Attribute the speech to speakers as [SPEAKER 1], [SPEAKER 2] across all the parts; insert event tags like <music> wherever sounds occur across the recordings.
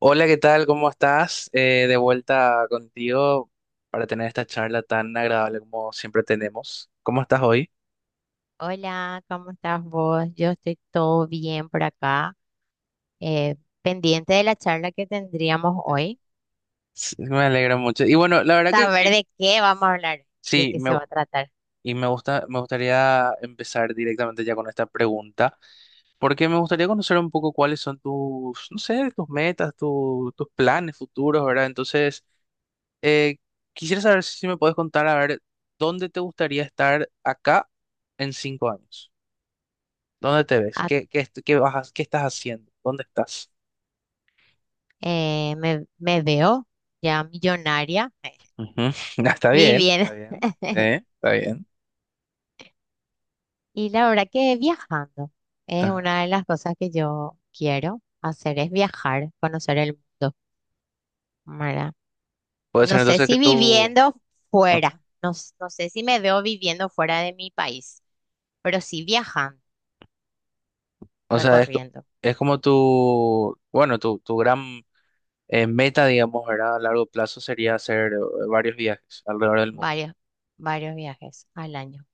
[SPEAKER 1] Hola, ¿qué tal? ¿Cómo estás? De vuelta contigo para tener esta charla tan agradable como siempre tenemos. ¿Cómo estás hoy?
[SPEAKER 2] Hola, ¿cómo estás vos? Yo estoy todo bien por acá, eh, pendiente de la charla que tendríamos
[SPEAKER 1] Eh,
[SPEAKER 2] hoy,
[SPEAKER 1] Sí, me alegra mucho. Y bueno, la verdad que,
[SPEAKER 2] saber
[SPEAKER 1] que
[SPEAKER 2] de qué vamos a hablar, de
[SPEAKER 1] sí,
[SPEAKER 2] qué se va a tratar.
[SPEAKER 1] y me gustaría empezar directamente ya con esta pregunta, porque me gustaría conocer un poco cuáles son tus, no sé, tus metas, tus planes futuros, ¿verdad? Entonces, eh, quisiera saber si me puedes contar, a ver, ¿dónde te gustaría estar acá en 5 años? ¿Dónde te ves?
[SPEAKER 2] Ah,
[SPEAKER 1] ¿Qué, qué, est- qué vas, a- qué estás haciendo? ¿Dónde estás?
[SPEAKER 2] Me veo ya millonaria, <laughs>
[SPEAKER 1] Ujú. <laughs> Ah, está bien,
[SPEAKER 2] viviendo,
[SPEAKER 1] está bien, sí, está bien.
[SPEAKER 2] y la verdad que viajando es
[SPEAKER 1] Ajá.
[SPEAKER 2] una de las cosas que yo quiero hacer, es viajar, conocer el mundo, ¿verdad?
[SPEAKER 1] Puede
[SPEAKER 2] No
[SPEAKER 1] ser
[SPEAKER 2] sé
[SPEAKER 1] entonces que
[SPEAKER 2] si
[SPEAKER 1] tú,
[SPEAKER 2] viviendo
[SPEAKER 1] ajá.
[SPEAKER 2] fuera, no sé si me veo viviendo fuera de mi país, pero sí viajando.
[SPEAKER 1] O sea,
[SPEAKER 2] Recorriendo
[SPEAKER 1] es como tu, bueno, tu gran meta, digamos, ¿verdad? A largo plazo sería hacer varios viajes alrededor del mundo.
[SPEAKER 2] varios, varios viajes al año.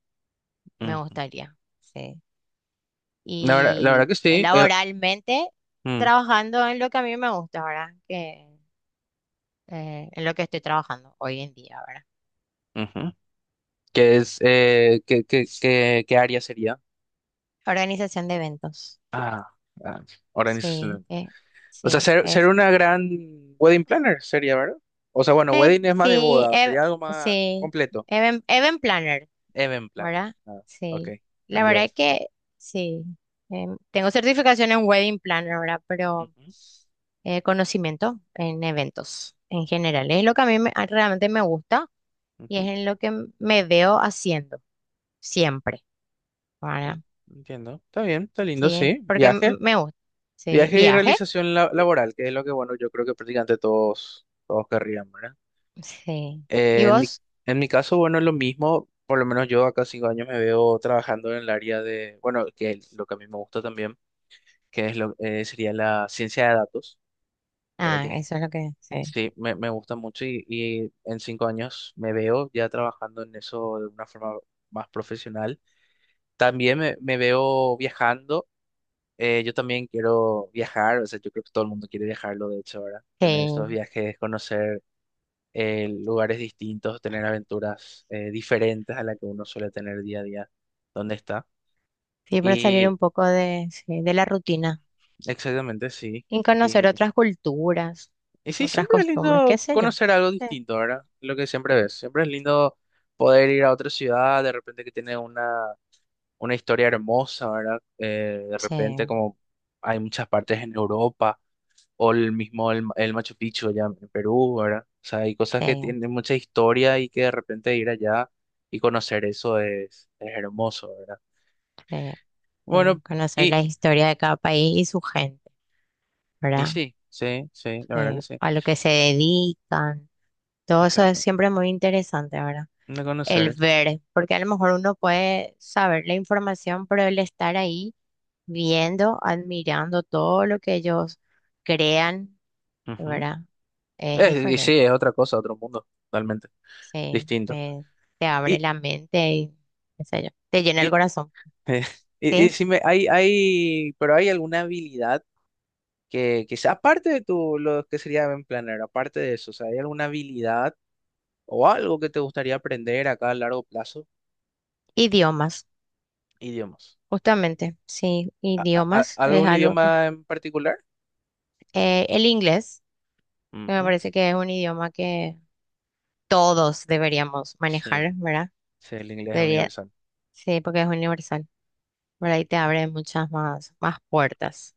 [SPEAKER 2] Me
[SPEAKER 1] Ujú.
[SPEAKER 2] gustaría, sí.
[SPEAKER 1] La verdad
[SPEAKER 2] Y
[SPEAKER 1] que sí.
[SPEAKER 2] laboralmente,
[SPEAKER 1] Mm,
[SPEAKER 2] trabajando en lo que a mí me gusta, ¿verdad? En lo que estoy trabajando hoy en día, ¿verdad?
[SPEAKER 1] ujú. ¿Qué es, qué área sería?
[SPEAKER 2] Organización de eventos.
[SPEAKER 1] Ah, ah,
[SPEAKER 2] Sí,
[SPEAKER 1] organización. O sea,
[SPEAKER 2] sí,
[SPEAKER 1] ser
[SPEAKER 2] es,
[SPEAKER 1] una gran wedding planner sería, ¿verdad? O sea, bueno, wedding es más de
[SPEAKER 2] sí,
[SPEAKER 1] boda,
[SPEAKER 2] ev-
[SPEAKER 1] sería algo más
[SPEAKER 2] sí,
[SPEAKER 1] completo.
[SPEAKER 2] Event, event planner.
[SPEAKER 1] Event planner.
[SPEAKER 2] ¿Verdad?
[SPEAKER 1] Ah, ok,
[SPEAKER 2] Sí. La
[SPEAKER 1] cambió
[SPEAKER 2] verdad es
[SPEAKER 1] eso.
[SPEAKER 2] que sí. Tengo certificación en Wedding Planner, ¿verdad? Pero
[SPEAKER 1] Ujú,
[SPEAKER 2] eh, conocimiento en eventos en general. Es lo que a mí me- a- realmente me gusta y es
[SPEAKER 1] ujú,
[SPEAKER 2] en lo que me veo haciendo siempre, ¿verdad?
[SPEAKER 1] en- entiendo. Está bien, está lindo,
[SPEAKER 2] Sí,
[SPEAKER 1] sí.
[SPEAKER 2] porque
[SPEAKER 1] Viaje.
[SPEAKER 2] me gusta. Sí.
[SPEAKER 1] Viaje y
[SPEAKER 2] Viaje.
[SPEAKER 1] realización laboral, que es lo que, bueno, yo creo que prácticamente todos, todos querrían, ¿verdad?
[SPEAKER 2] Sí. ¿Y
[SPEAKER 1] Eh, en mi,
[SPEAKER 2] vos?
[SPEAKER 1] en mi caso, bueno, es lo mismo. Por lo menos yo acá 5 años me veo trabajando en el área de, bueno, que es lo que a mí me gusta también, sería la ciencia de datos, ¿verdad?
[SPEAKER 2] Ah,
[SPEAKER 1] Que
[SPEAKER 2] eso es lo que... Sí.
[SPEAKER 1] sí, me gusta mucho y en 5 años me veo ya trabajando en eso de una forma más profesional. También me veo viajando. Yo también quiero viajar, o sea, yo creo que todo el mundo quiere viajarlo, de hecho, ahora. Tener esos
[SPEAKER 2] Sí.
[SPEAKER 1] viajes, conocer lugares distintos, tener aventuras diferentes a las que uno suele tener día a día. ¿Dónde está?
[SPEAKER 2] Sí, para salir
[SPEAKER 1] Y
[SPEAKER 2] un poco de la rutina.
[SPEAKER 1] exactamente, sí.
[SPEAKER 2] Y conocer otras culturas,
[SPEAKER 1] Y sí,
[SPEAKER 2] otras
[SPEAKER 1] siempre es
[SPEAKER 2] costumbres, qué
[SPEAKER 1] lindo
[SPEAKER 2] sé yo.
[SPEAKER 1] conocer algo
[SPEAKER 2] Sí,
[SPEAKER 1] distinto, ¿verdad? Lo que siempre ves. Siempre es lindo poder ir a otra ciudad, de repente que tiene una historia hermosa, ¿verdad? De repente
[SPEAKER 2] sí,
[SPEAKER 1] como hay muchas partes en Europa, o el mismo el Machu Picchu allá en Perú, ¿verdad? O sea, hay cosas que
[SPEAKER 2] sí,
[SPEAKER 1] tienen mucha historia y que de repente ir allá y conocer eso es, hermoso, ¿verdad?
[SPEAKER 2] sí,
[SPEAKER 1] Bueno,
[SPEAKER 2] sí. Conocer
[SPEAKER 1] y,
[SPEAKER 2] la historia de cada país y su gente,
[SPEAKER 1] y
[SPEAKER 2] ¿verdad?
[SPEAKER 1] sí, sí, sí, la verdad que
[SPEAKER 2] Sí,
[SPEAKER 1] sí.
[SPEAKER 2] a lo que se dedican. Todo eso es
[SPEAKER 1] Exacto.
[SPEAKER 2] siempre muy interesante, ¿verdad?
[SPEAKER 1] De
[SPEAKER 2] El
[SPEAKER 1] conocer.
[SPEAKER 2] ver, porque a lo mejor uno puede saber la información, pero el estar ahí viendo, admirando todo lo que ellos crean,
[SPEAKER 1] Ujú.
[SPEAKER 2] ¿verdad? Es
[SPEAKER 1] Y
[SPEAKER 2] diferente.
[SPEAKER 1] sí, es otra cosa, otro mundo, totalmente
[SPEAKER 2] Sí,
[SPEAKER 1] distinto.
[SPEAKER 2] eh, te abre
[SPEAKER 1] Y,
[SPEAKER 2] la mente y qué sé yo, te llena
[SPEAKER 1] y,
[SPEAKER 2] el corazón.
[SPEAKER 1] <laughs> y
[SPEAKER 2] Sí,
[SPEAKER 1] decime, pero hay alguna habilidad que sea, aparte de tu, lo que sería event planner, aparte de eso, o sea, ¿hay alguna habilidad o algo que te gustaría aprender acá a largo plazo?
[SPEAKER 2] idiomas,
[SPEAKER 1] Idiomas.
[SPEAKER 2] justamente, sí,
[SPEAKER 1] ¿A- a- a-
[SPEAKER 2] idiomas es
[SPEAKER 1] algún
[SPEAKER 2] algo que...
[SPEAKER 1] idioma en particular?
[SPEAKER 2] El inglés, que me
[SPEAKER 1] Ujú.
[SPEAKER 2] parece que es un idioma que todos deberíamos
[SPEAKER 1] Sí,
[SPEAKER 2] manejar, ¿verdad?
[SPEAKER 1] sí, el inglés es
[SPEAKER 2] Debería,
[SPEAKER 1] universal.
[SPEAKER 2] sí, porque es universal, ¿verdad? Y te abre muchas más puertas.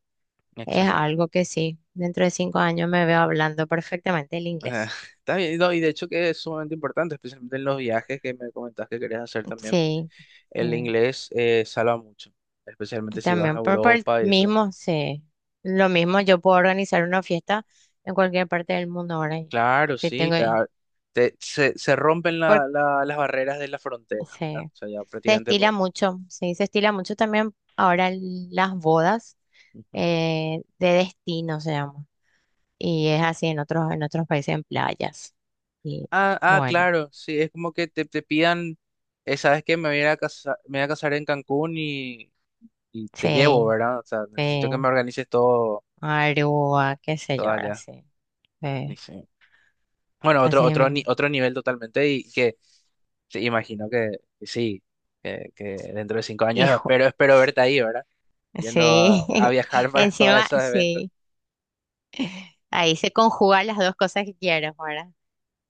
[SPEAKER 2] Es
[SPEAKER 1] Exactamente.
[SPEAKER 2] algo que sí, dentro de 5 años me veo hablando perfectamente el
[SPEAKER 1] Ah,
[SPEAKER 2] inglés.
[SPEAKER 1] <laughs> está bien, no, y de hecho que es sumamente importante, especialmente en los viajes que me comentas que querías hacer también.
[SPEAKER 2] Sí,
[SPEAKER 1] El
[SPEAKER 2] sí.
[SPEAKER 1] inglés salva mucho, especialmente si vas a
[SPEAKER 2] También por el
[SPEAKER 1] Europa y eso.
[SPEAKER 2] mismo, sí. Lo mismo, yo puedo organizar una fiesta en cualquier parte del mundo ahora. Y
[SPEAKER 1] Claro,
[SPEAKER 2] si
[SPEAKER 1] sí,
[SPEAKER 2] tengo...
[SPEAKER 1] te, da- te- se rompen
[SPEAKER 2] por-
[SPEAKER 1] las barreras de la frontera, ¿verdad?
[SPEAKER 2] Sí.
[SPEAKER 1] O sea, ya
[SPEAKER 2] Se
[SPEAKER 1] prácticamente.
[SPEAKER 2] estila mucho, sí, se estila mucho también ahora en las bodas
[SPEAKER 1] Ujú.
[SPEAKER 2] de destino se llama. Y es así en en otros países, en playas. Y
[SPEAKER 1] Ah, ah,
[SPEAKER 2] bueno,
[SPEAKER 1] claro, sí, es como que te pidan, ¿sabes que me voy a casar en Cancún y te llevo,
[SPEAKER 2] sí,
[SPEAKER 1] ¿verdad? O sea, necesito que
[SPEAKER 2] eh,
[SPEAKER 1] me organices todo,
[SPEAKER 2] Aruba, qué sé
[SPEAKER 1] todo
[SPEAKER 2] yo, ahora
[SPEAKER 1] allá.
[SPEAKER 2] sí.
[SPEAKER 1] Y
[SPEAKER 2] Eh,
[SPEAKER 1] sí. Bueno, otro,
[SPEAKER 2] así
[SPEAKER 1] otro, ni-
[SPEAKER 2] mismo.
[SPEAKER 1] otro nivel totalmente y que te imagino que sí, que dentro de 5 años
[SPEAKER 2] Hijo,
[SPEAKER 1] espero verte ahí, ¿verdad? Yendo a,
[SPEAKER 2] sí,
[SPEAKER 1] a
[SPEAKER 2] <laughs>
[SPEAKER 1] viajar <laughs> para
[SPEAKER 2] encima,
[SPEAKER 1] esos eventos.
[SPEAKER 2] sí, ahí se conjugan las dos cosas que quiero, ¿verdad?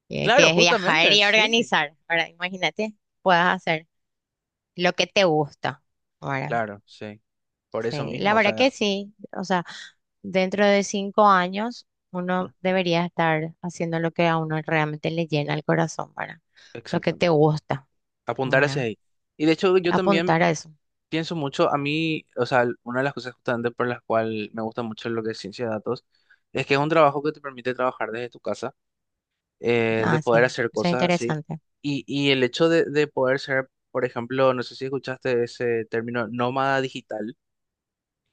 [SPEAKER 2] Que
[SPEAKER 1] Claro,
[SPEAKER 2] es viajar
[SPEAKER 1] justamente,
[SPEAKER 2] y
[SPEAKER 1] sí,
[SPEAKER 2] organizar. Ahora, imagínate, puedas hacer lo que te gusta, ¿verdad?
[SPEAKER 1] claro, sí. Por eso
[SPEAKER 2] Sí, la
[SPEAKER 1] mismo, o
[SPEAKER 2] verdad que
[SPEAKER 1] sea,
[SPEAKER 2] sí. O sea, dentro de 5 años uno
[SPEAKER 1] mm,
[SPEAKER 2] debería estar haciendo lo que a uno realmente le llena el corazón, ¿verdad? Lo que te
[SPEAKER 1] exactamente.
[SPEAKER 2] gusta,
[SPEAKER 1] Apuntar hacia
[SPEAKER 2] ¿verdad?
[SPEAKER 1] ahí. Y de hecho, yo también
[SPEAKER 2] Apuntar a eso.
[SPEAKER 1] pienso mucho, a mí, o sea, una de las cosas justamente por las cuales me gusta mucho lo que es ciencia de datos, es que es un trabajo que te permite trabajar desde tu casa, de
[SPEAKER 2] Ah, sí.
[SPEAKER 1] poder hacer
[SPEAKER 2] Eso es
[SPEAKER 1] cosas así.
[SPEAKER 2] interesante.
[SPEAKER 1] Y el hecho de poder ser, por ejemplo, no sé si escuchaste ese término, nómada digital,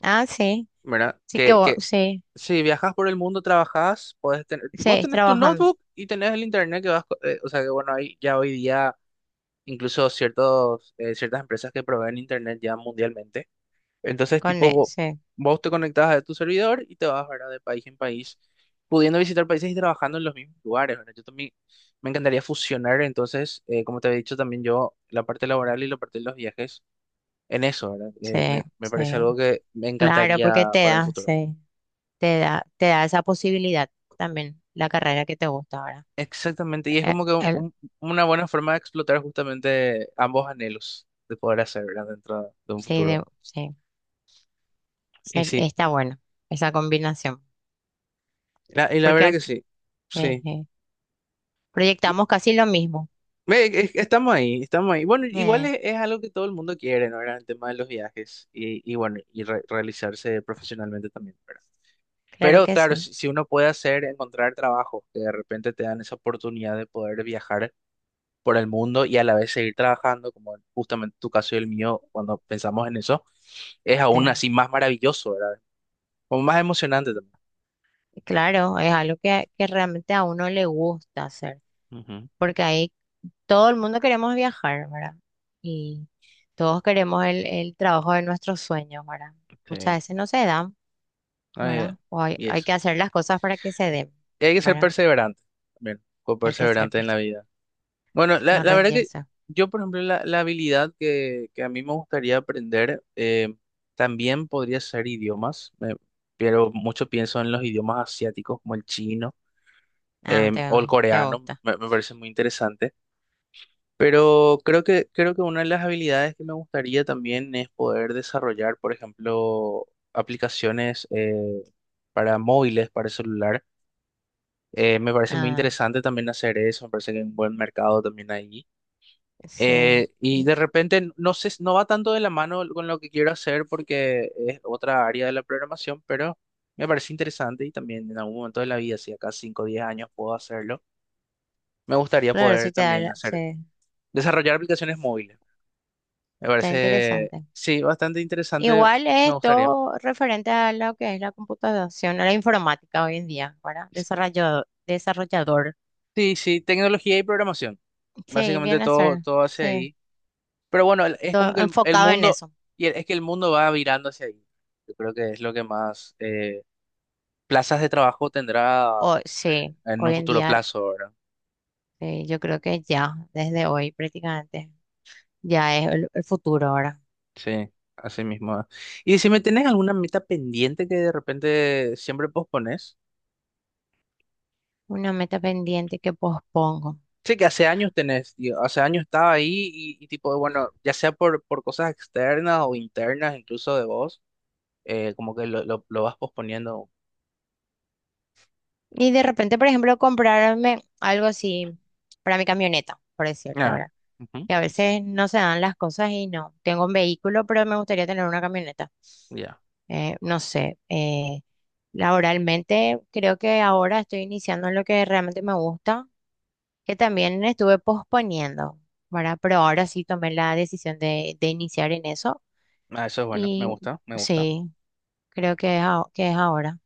[SPEAKER 2] Ah, sí.
[SPEAKER 1] ¿verdad?
[SPEAKER 2] Sí que
[SPEAKER 1] Que,
[SPEAKER 2] vos,
[SPEAKER 1] que
[SPEAKER 2] sí,
[SPEAKER 1] si viajas por el mundo, trabajas puedes tener,
[SPEAKER 2] sí,
[SPEAKER 1] vos
[SPEAKER 2] es
[SPEAKER 1] tenés tu
[SPEAKER 2] trabajando
[SPEAKER 1] notebook y tenés el internet que vas, o sea que bueno, hay ya hoy día incluso ciertos, ciertas empresas que proveen internet ya mundialmente. Entonces,
[SPEAKER 2] con
[SPEAKER 1] tipo,
[SPEAKER 2] él.
[SPEAKER 1] vo-
[SPEAKER 2] Sí,
[SPEAKER 1] vos, te conectás a tu servidor y te vas, ¿verdad? De país en país, pudiendo visitar países y trabajando en los mismos lugares, ¿verdad? Yo también me encantaría fusionar, entonces, como te había dicho también yo, la parte laboral y la parte de los viajes en eso, ¿verdad? Eh,
[SPEAKER 2] sí,
[SPEAKER 1] me, me parece
[SPEAKER 2] sí.
[SPEAKER 1] algo que me
[SPEAKER 2] Claro,
[SPEAKER 1] encantaría
[SPEAKER 2] porque te
[SPEAKER 1] para el
[SPEAKER 2] da,
[SPEAKER 1] futuro.
[SPEAKER 2] sí, te da esa posibilidad también, la carrera que te gusta, ¿verdad?
[SPEAKER 1] Exactamente, y es
[SPEAKER 2] Eh,
[SPEAKER 1] como que
[SPEAKER 2] el-
[SPEAKER 1] una buena forma de explotar justamente ambos anhelos de poder hacer, ¿verdad? Dentro de un
[SPEAKER 2] sí, de-
[SPEAKER 1] futuro.
[SPEAKER 2] sí,
[SPEAKER 1] Y
[SPEAKER 2] sí,
[SPEAKER 1] sí,
[SPEAKER 2] está bueno esa combinación.
[SPEAKER 1] y la
[SPEAKER 2] porque
[SPEAKER 1] verdad
[SPEAKER 2] al
[SPEAKER 1] que
[SPEAKER 2] fi-
[SPEAKER 1] sí,
[SPEAKER 2] eh,
[SPEAKER 1] sí.
[SPEAKER 2] eh,
[SPEAKER 1] Y,
[SPEAKER 2] Proyectamos casi lo mismo.
[SPEAKER 1] estamos ahí, estamos ahí. Bueno, igual
[SPEAKER 2] Eh,
[SPEAKER 1] es algo que todo el mundo quiere, ¿no? ¿Verdad? El tema de los viajes y bueno, y realizarse profesionalmente también, ¿verdad?
[SPEAKER 2] claro
[SPEAKER 1] Pero
[SPEAKER 2] que
[SPEAKER 1] claro,
[SPEAKER 2] sí.
[SPEAKER 1] si uno puede hacer, encontrar trabajo, que de repente te dan esa oportunidad de poder viajar por el mundo y a la vez seguir trabajando, como justamente tu caso y el mío, cuando pensamos en eso es aún
[SPEAKER 2] eh,
[SPEAKER 1] así más maravilloso, ¿verdad? Como más emocionante también.
[SPEAKER 2] claro, es algo que realmente a uno le gusta hacer,
[SPEAKER 1] Ujú.
[SPEAKER 2] porque ahí todo el mundo queremos viajar, ¿verdad? Y todos queremos el trabajo de nuestros sueños, ¿verdad? Muchas
[SPEAKER 1] Sí.
[SPEAKER 2] veces no se dan,
[SPEAKER 1] Ay,
[SPEAKER 2] ¿verdad? O hay,
[SPEAKER 1] y
[SPEAKER 2] hay
[SPEAKER 1] eso.
[SPEAKER 2] que hacer las cosas para que se den,
[SPEAKER 1] Y hay que ser
[SPEAKER 2] ¿verdad?
[SPEAKER 1] perseverante también, con
[SPEAKER 2] Hay que ser,
[SPEAKER 1] perseverante en la
[SPEAKER 2] pers-
[SPEAKER 1] vida. Bueno, la,
[SPEAKER 2] No
[SPEAKER 1] la verdad que
[SPEAKER 2] rendirse.
[SPEAKER 1] yo, por ejemplo, la habilidad que a mí me gustaría aprender también podría ser idiomas, pero mucho pienso en los idiomas asiáticos como el chino
[SPEAKER 2] Ah, te,
[SPEAKER 1] o el
[SPEAKER 2] te
[SPEAKER 1] coreano,
[SPEAKER 2] gusta.
[SPEAKER 1] me parece muy interesante. Pero creo que una de las habilidades que me gustaría también es poder desarrollar, por ejemplo, aplicaciones para móviles, para celular. Me parece muy
[SPEAKER 2] Ah,
[SPEAKER 1] interesante también hacer eso, me parece que hay un buen mercado también ahí.
[SPEAKER 2] sí.
[SPEAKER 1] Y de repente, no sé, no va tanto de la mano con lo que quiero hacer porque es otra área de la programación, pero me parece interesante y también en algún momento de la vida, si acá 5 o 10 años puedo hacerlo, me gustaría
[SPEAKER 2] Claro,
[SPEAKER 1] poder
[SPEAKER 2] sí te da,
[SPEAKER 1] también hacer,
[SPEAKER 2] sí,
[SPEAKER 1] desarrollar aplicaciones móviles. Me
[SPEAKER 2] está
[SPEAKER 1] parece,
[SPEAKER 2] interesante.
[SPEAKER 1] sí, bastante interesante.
[SPEAKER 2] Igual
[SPEAKER 1] Me
[SPEAKER 2] es
[SPEAKER 1] gustaría.
[SPEAKER 2] todo referente a lo que es la computación, a la informática hoy en día, ¿verdad? Desarrollador, desarrollador.
[SPEAKER 1] Sí, sí, tecnología y programación.
[SPEAKER 2] Sí,
[SPEAKER 1] Básicamente
[SPEAKER 2] viene a
[SPEAKER 1] todo,
[SPEAKER 2] ser,
[SPEAKER 1] todo hacia
[SPEAKER 2] sí,
[SPEAKER 1] ahí. Pero bueno, es
[SPEAKER 2] todo
[SPEAKER 1] como que el
[SPEAKER 2] enfocado en
[SPEAKER 1] mundo,
[SPEAKER 2] eso.
[SPEAKER 1] es que el mundo va virando hacia ahí. Yo creo que es lo que más plazas de trabajo tendrá
[SPEAKER 2] O,
[SPEAKER 1] eh,
[SPEAKER 2] sí,
[SPEAKER 1] en un
[SPEAKER 2] hoy en
[SPEAKER 1] futuro
[SPEAKER 2] día,
[SPEAKER 1] plazo, ¿verdad?
[SPEAKER 2] yo creo que ya, desde hoy prácticamente, ya es el futuro ahora.
[SPEAKER 1] Sí, así mismo. ¿Y si me tenés alguna meta pendiente que de repente siempre pospones?
[SPEAKER 2] Una meta pendiente que pospongo.
[SPEAKER 1] Sí, que hace años tenés, tío, hace años estaba ahí y tipo, bueno, ya sea por, cosas externas o internas, incluso de vos, como que lo vas posponiendo.
[SPEAKER 2] Y de repente, por ejemplo, comprarme algo así para mi camioneta, por decirte
[SPEAKER 1] Ah,
[SPEAKER 2] ahora.
[SPEAKER 1] ujú,
[SPEAKER 2] Que a veces no se dan las cosas y no. Tengo un vehículo, pero me gustaría tener una camioneta.
[SPEAKER 1] ya.
[SPEAKER 2] No sé, Laboralmente creo que ahora estoy iniciando en lo que realmente me gusta, que también estuve posponiendo, ¿verdad? Pero ahora sí tomé la decisión de iniciar en eso.
[SPEAKER 1] Ah, eso es bueno, me
[SPEAKER 2] Y
[SPEAKER 1] gusta, me gusta.
[SPEAKER 2] sí, creo que es, que es ahora.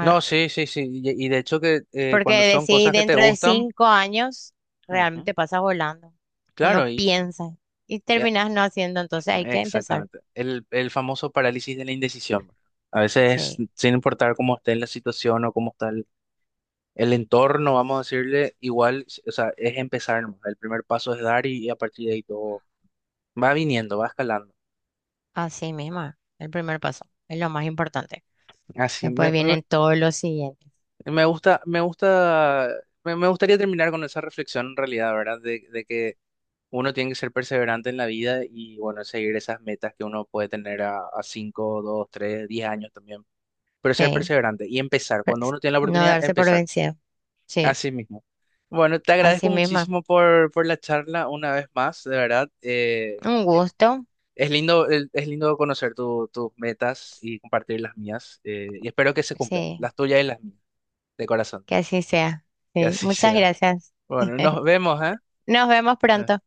[SPEAKER 1] No, sí, sí, sí, y de hecho que
[SPEAKER 2] Porque
[SPEAKER 1] cuando son
[SPEAKER 2] decís,
[SPEAKER 1] cosas que te
[SPEAKER 2] dentro de
[SPEAKER 1] gustan,
[SPEAKER 2] 5 años
[SPEAKER 1] ujú,
[SPEAKER 2] realmente pasa volando. Uno
[SPEAKER 1] claro, y
[SPEAKER 2] piensa y
[SPEAKER 1] ya,
[SPEAKER 2] terminas no haciendo, entonces hay que empezar.
[SPEAKER 1] exactamente. El famoso parálisis de la indecisión. A veces,
[SPEAKER 2] Sí,
[SPEAKER 1] sin importar cómo esté la situación o cómo está el entorno, vamos a decirle, igual, o sea, es empezar, nomás. El primer paso es dar y a partir de ahí todo va viniendo, va escalando.
[SPEAKER 2] así mismo. El primer paso es lo más importante.
[SPEAKER 1] Así,
[SPEAKER 2] Después vienen todos los siguientes.
[SPEAKER 1] me gusta, me gusta, me gustaría terminar con esa reflexión en realidad, ¿verdad? De que uno tiene que ser perseverante en la vida y, bueno, seguir esas metas que uno puede tener a 5, 2, 3, 10 años también. Pero ser
[SPEAKER 2] Sí,
[SPEAKER 1] perseverante y empezar. Cuando
[SPEAKER 2] pues,
[SPEAKER 1] uno tiene la
[SPEAKER 2] no
[SPEAKER 1] oportunidad,
[SPEAKER 2] darse por
[SPEAKER 1] empezar.
[SPEAKER 2] vencido. Sí,
[SPEAKER 1] Así mismo. Bueno, te agradezco
[SPEAKER 2] así mismo.
[SPEAKER 1] muchísimo por la charla una vez más, de verdad.
[SPEAKER 2] Un gusto.
[SPEAKER 1] Es lindo, es lindo conocer tus metas y compartir las mías. Y espero que se cumplan,
[SPEAKER 2] Sí,
[SPEAKER 1] las tuyas y las mías, de corazón.
[SPEAKER 2] que así sea.
[SPEAKER 1] Que
[SPEAKER 2] Sí,
[SPEAKER 1] así
[SPEAKER 2] muchas
[SPEAKER 1] sea.
[SPEAKER 2] gracias.
[SPEAKER 1] Bueno,
[SPEAKER 2] <laughs>
[SPEAKER 1] nos vemos,
[SPEAKER 2] Nos vemos
[SPEAKER 1] ¿eh?
[SPEAKER 2] pronto.